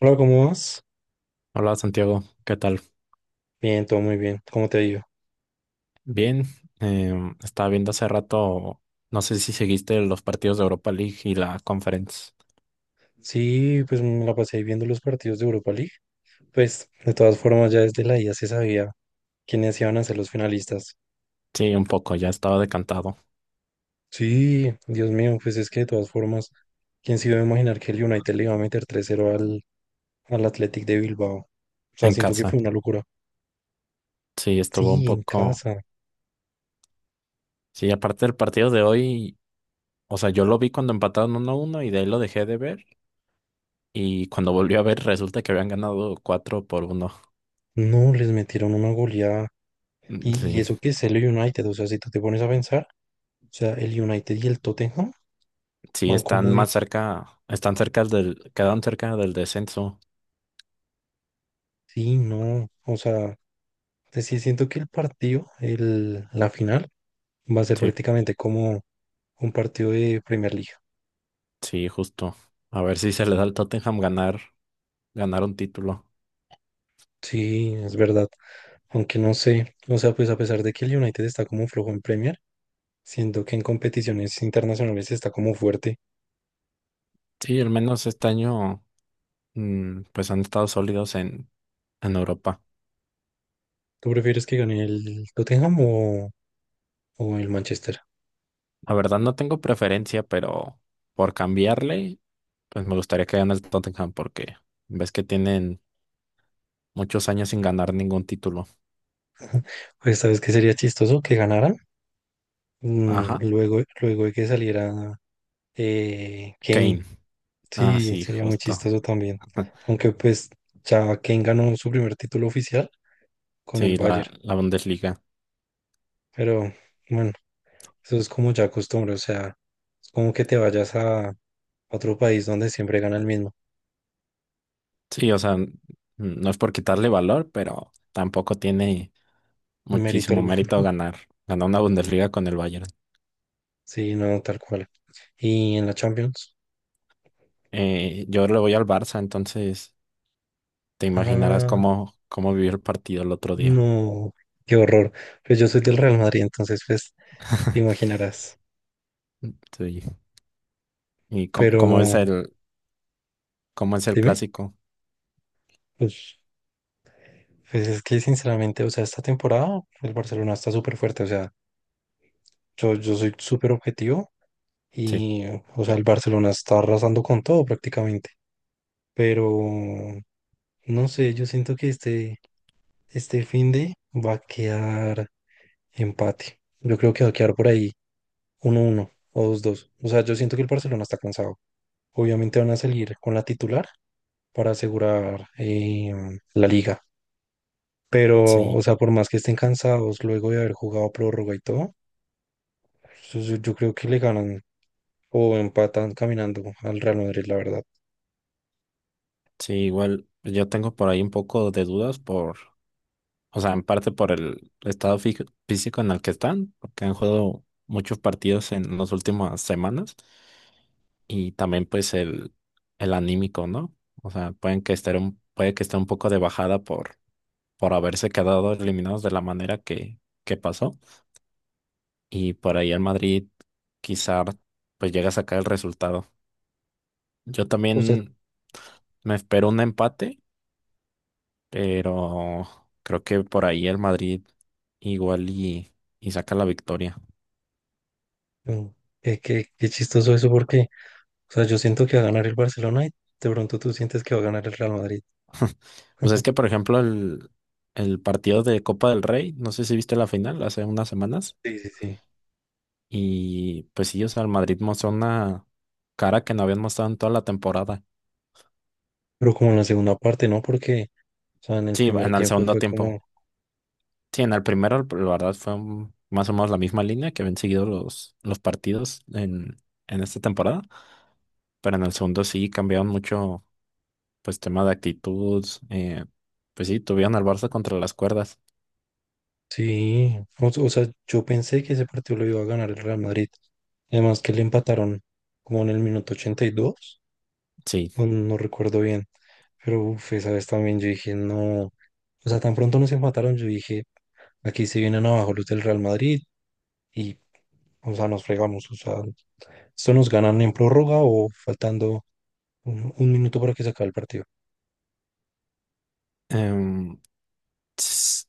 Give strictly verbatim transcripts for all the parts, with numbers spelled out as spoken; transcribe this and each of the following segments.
Hola, ¿cómo vas? Hola Santiago, ¿qué tal? Bien, todo muy bien. ¿Cómo te ha ido? Bien, em, estaba viendo hace rato, no sé si seguiste los partidos de Europa League y la Conference. Sí, pues me la pasé viendo los partidos de Europa League. Pues de todas formas ya desde la ida se sabía quiénes iban a ser los finalistas. Sí, un poco, ya estaba decantado Sí, Dios mío, pues es que de todas formas, ¿quién se iba a imaginar que el United le iba a meter tres cero al, al Athletic de Bilbao? O sea, en siento que casa. fue una locura. Sí, estuvo un Sí, en poco. casa. Sí, aparte del partido de hoy, o sea, yo lo vi cuando empataron uno a uno y de ahí lo dejé de ver. Y cuando volví a ver, resulta que habían ganado cuatro por uno. No, les metieron una goleada. Mm, Y, y sí, eso que es el United, o sea, si tú te pones a pensar, o sea, el United y el Tottenham sí, van están como de... más cerca, están cerca del, quedaron cerca del descenso. Sí, no, o sea... Entonces, sí, siento que el partido, el, la final, va a ser Sí, prácticamente como un partido de Premier League. sí, justo. A ver si se le da al Tottenham ganar ganar un título. Sí, es verdad. Aunque no sé, o sea, pues a pesar de que el United está como flojo en Premier, siento que en competiciones internacionales está como fuerte. Sí, al menos este año, mm, pues han estado sólidos en, en Europa. ¿Tú prefieres que gane el Tottenham o, o el Manchester? La verdad no tengo preferencia, pero por cambiarle, pues me gustaría que gane el Tottenham porque ves que tienen muchos años sin ganar ningún título. Pues sabes que sería chistoso que ganaran Mm, Ajá, luego, luego de que saliera eh, Kane. Kane. Ah, Sí, sí, sería muy justo. chistoso también. Aunque pues ya Kane ganó su primer título oficial con el Sí, la, Bayern. la Bundesliga. Pero bueno, eso es como ya costumbre, o sea, es como que te vayas a otro país donde siempre gana el mismo, Sí, o sea, mm, no es por quitarle valor, pero tampoco tiene mérito muchísimo alguno. mérito ganar. Ganar una Bundesliga con el Bayern. Sí, no, tal cual. Y en la Champions, Eh, yo le voy al Barça, entonces te imaginarás ah, cómo, cómo vivió el partido el otro día. no, qué horror. Pues yo soy del Real Madrid, entonces pues te imaginarás. Sí. Y cómo, Pero cómo es el, cómo es el dime, clásico. pues, pues es que sinceramente, o sea, esta temporada el Barcelona está súper fuerte, o sea, yo, yo soy súper objetivo Sí, y, o sea, el Barcelona está arrasando con todo prácticamente. Pero no sé, yo siento que este, este de va a quedar empate. Yo creo que va a quedar por ahí uno uno o dos dos. O sea, yo siento que el Barcelona está cansado. Obviamente van a salir con la titular para asegurar eh, la liga. Pero, o sí, sea, por más que estén cansados luego de haber jugado prórroga y todo, yo, yo- yo creo que le ganan o empatan caminando al Real Madrid, la verdad. sí, igual yo tengo por ahí un poco de dudas por, o sea, en parte por el estado fí- físico en el que están, porque han jugado muchos partidos en las últimas semanas y también pues el, el anímico, ¿no? O sea, pueden que estar un, puede que esté un poco de bajada por, por haberse quedado eliminados de la manera que, que pasó. Y por ahí el Madrid quizá pues llega a sacar el resultado. Yo O sea, también me espero un empate, pero creo que por ahí el Madrid igual y, y saca la victoria. mm, eh, qué, qué chistoso eso porque o sea, yo siento que va a ganar el Barcelona y de pronto tú sientes que va a ganar el Real Madrid. Pues es que, por ejemplo, el, el partido de Copa del Rey, no sé si viste la final hace unas semanas, Sí, sí, sí. y pues sí, o sea, el Madrid mostró una cara que no habían mostrado en toda la temporada. Pero como en la segunda parte, ¿no? Porque, o sea, en el Sí, primer en el tiempo segundo fue tiempo, como, sí, en el primero, la verdad, fue un- más o menos la misma línea que habían seguido los, los partidos en, en esta temporada, pero en el segundo sí cambiaron mucho, pues, tema de actitud, eh, pues sí, tuvieron al Barça contra las cuerdas, sí, o, o sea, yo pensé que ese partido lo iba a ganar el Real Madrid. Además que le empataron como en el minuto ochenta y dos, sí. o no recuerdo bien. Pero, uff, esa vez también yo dije, no, o sea, tan pronto nos empataron, yo dije, aquí se vienen abajo los del Real Madrid y, o sea, nos fregamos, o sea, esto nos ganan en prórroga o faltando un, un minuto para que se acabe el partido. Em, s-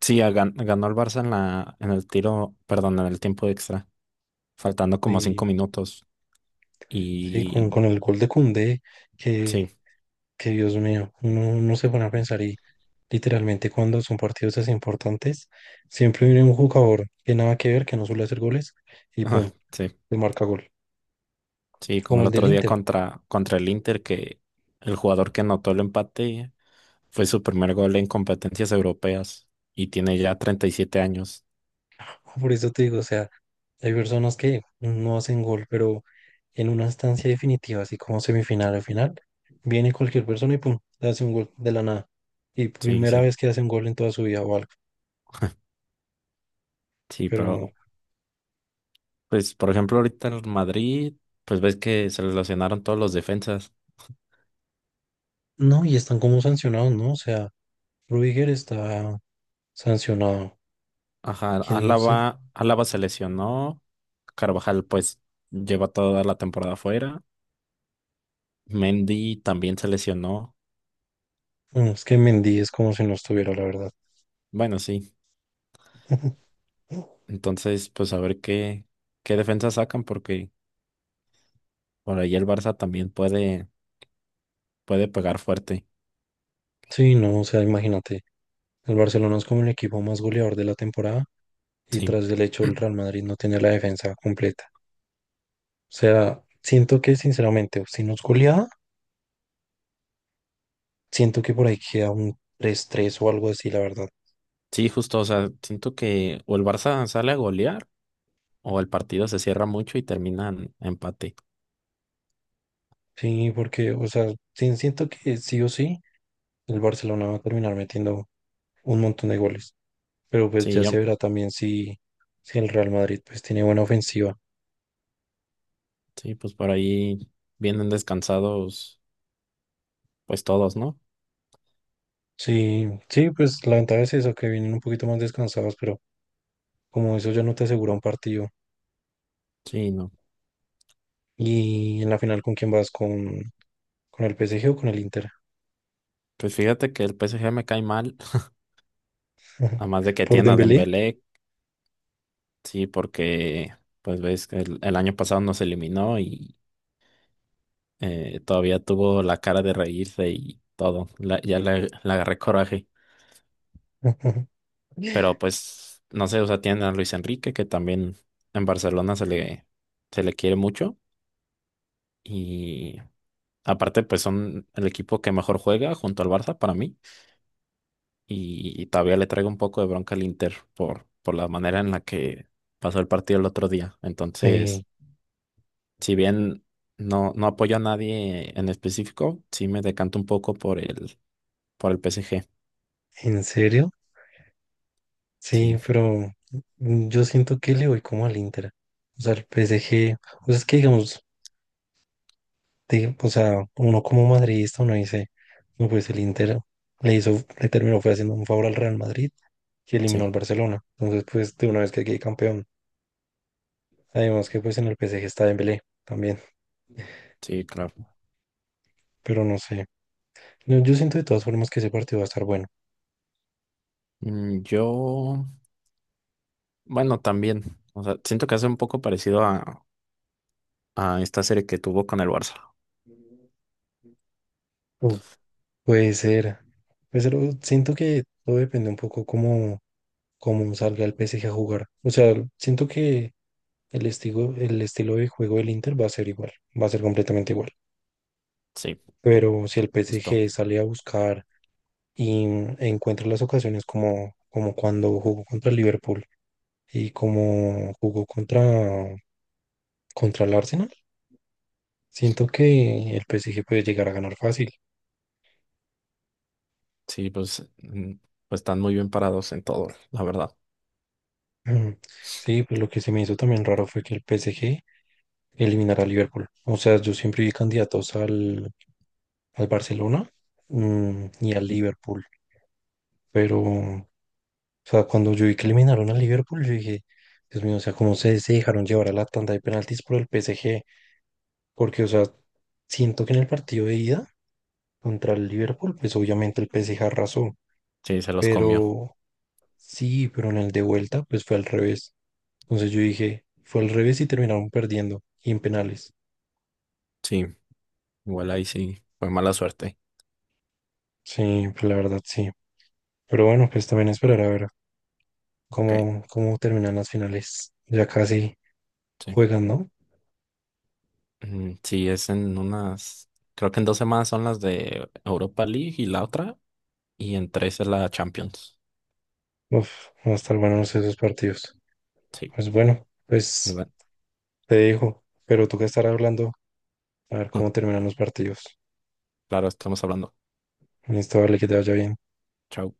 sí, a- gan- ganó el Barça en la, en el tiro, perdón, en el tiempo extra, faltando como cinco Y minutos, sí, y con, con el gol de Koundé, que, sí, que Dios mío, no, no se van a pensar y literalmente cuando son partidos así importantes, siempre viene un jugador que nada que ver, que no suele hacer goles y ah, pum, sí, le marca gol. sí, como Como el el del otro día Inter, contra, contra el Inter, que el jugador que anotó el empate fue su primer gol en competencias europeas y tiene ya treinta y siete años. por eso te digo, o sea, hay personas que no hacen gol, pero en una instancia definitiva, así como semifinal o final, viene cualquier persona y pum, le hace un gol de la nada. Y Sí, primera sí. vez que hace un gol en toda su vida o algo. Sí, Pero pero pues por ejemplo ahorita el Madrid, pues ves que se lesionaron todos los defensas. no, y están como sancionados, ¿no? O sea, Rudiger está sancionado. Ajá, ¿Quién no sé? Álava, Álava se lesionó, Carvajal pues lleva toda la temporada fuera, Mendy también se lesionó. Bueno, es que Mendy es como si no estuviera, la verdad. Bueno, sí. Entonces, pues a ver qué qué defensa sacan porque por ahí el Barça también puede puede pegar fuerte. Sí, no, o sea, imagínate, el Barcelona es como el equipo más goleador de la temporada y Sí. tras el hecho el Real Madrid no tiene la defensa completa. O sea, siento que sinceramente, si nos goleada, siento que por ahí queda un tres tres o algo así, la verdad. Sí, justo, o sea, siento que o el Barça sale a golear o el partido se cierra mucho y termina empate. Sí, porque, o sea, sí, siento que sí o sí, el Barcelona va a terminar metiendo un montón de goles. Pero pues Sí, ya se yo, verá también si, si el Real Madrid pues tiene buena ofensiva. sí, pues por ahí vienen descansados pues todos, ¿no? Sí, sí, pues la ventaja es eso, que vienen un poquito más descansados, pero como eso ya no te asegura un partido. Sí, no. Y en la final, ¿con quién vas? ¿Con, con el P S G o con el Inter? Pues fíjate que el P S G me cae mal, además de que ¿Por tiene a Dembélé? Dembélé, sí, porque pues ves que el, el año pasado nos eliminó y eh, todavía tuvo la cara de reírse y todo, La- ya le, le agarré coraje. Pero pues, no sé, o sea, tienen a Luis Enrique, que también en Barcelona se le, se le quiere mucho. Y aparte, pues son el equipo que mejor juega junto al Barça para mí. Y, y todavía le traigo un poco de bronca al Inter por, por la manera en la que pasó el partido el otro día. Sí. Entonces, si bien no, no apoyo a nadie en específico, sí me decanto un poco por el, por el P S G. ¿En serio? Sí, Sí, pero mm, yo siento que le voy como al Inter. O sea, el P S G, o sea, es que digamos, de- o sea, uno como madridista, uno dice, no, pues el Inter le hizo, le terminó, fue haciendo un favor al Real Madrid que eliminó al sí, Barcelona. Entonces, pues de una vez que quede campeón. Además que pues en el P S G está Dembélé también, sí, claro. pero no sé. No, yo siento de todas formas que ese partido va a estar bueno. Mm, yo. Bueno, también. O sea, siento que hace un poco parecido a, a esta serie que tuvo con el Barça. Mm. Puede ser, puede ser, o- siento que todo depende un poco como cómo salga el P S G a jugar. O sea, siento que el estilo, el estilo de juego del Inter va a ser igual, va a ser completamente igual. Sí, Pero si el justo. P S G sale a buscar y encuentra las ocasiones como, como cuando jugó contra el Liverpool y como jugó contra, contra el Arsenal, siento que el P S G puede llegar a ganar fácil. Sí, pues, mm, pues están muy bien parados en todo, la verdad. Ujú. Sí, pues lo que se me hizo también raro fue que el P S G eliminara a Liverpool. O sea, yo siempre vi candidatos al, al Barcelona mm, y al Liverpool. Pero, o sea, cuando yo vi que eliminaron al Liverpool, yo dije, Dios mío, o sea, cómo se, se dejaron llevar a la tanda de penaltis por el P S G. Porque, o sea, siento que en el partido de ida contra el Liverpool, pues obviamente el P S G arrasó. Sí, se los comió. Pero sí, pero en el de vuelta, pues fue al revés. Entonces yo dije, fue al revés y terminaron perdiendo y en penales. Sí, igual ahí sí. Fue mala suerte. Sí, pues la verdad, sí. Pero bueno, pues también esperar a ver Ok, cómo, cómo terminan las finales. Ya casi. sí. Juegan, ¿no? Mm, sí, es en unas. Creo que en dos semanas son las de Europa League y la otra. Y en tres es la Champions. Uf, van a estar buenos esos partidos. Sí, Pues bueno, pues pues bueno. te dejo, pero tú que estarás hablando, a ver cómo terminan los partidos. Claro, estamos hablando. Listo, vale, que te vaya bien. Chao.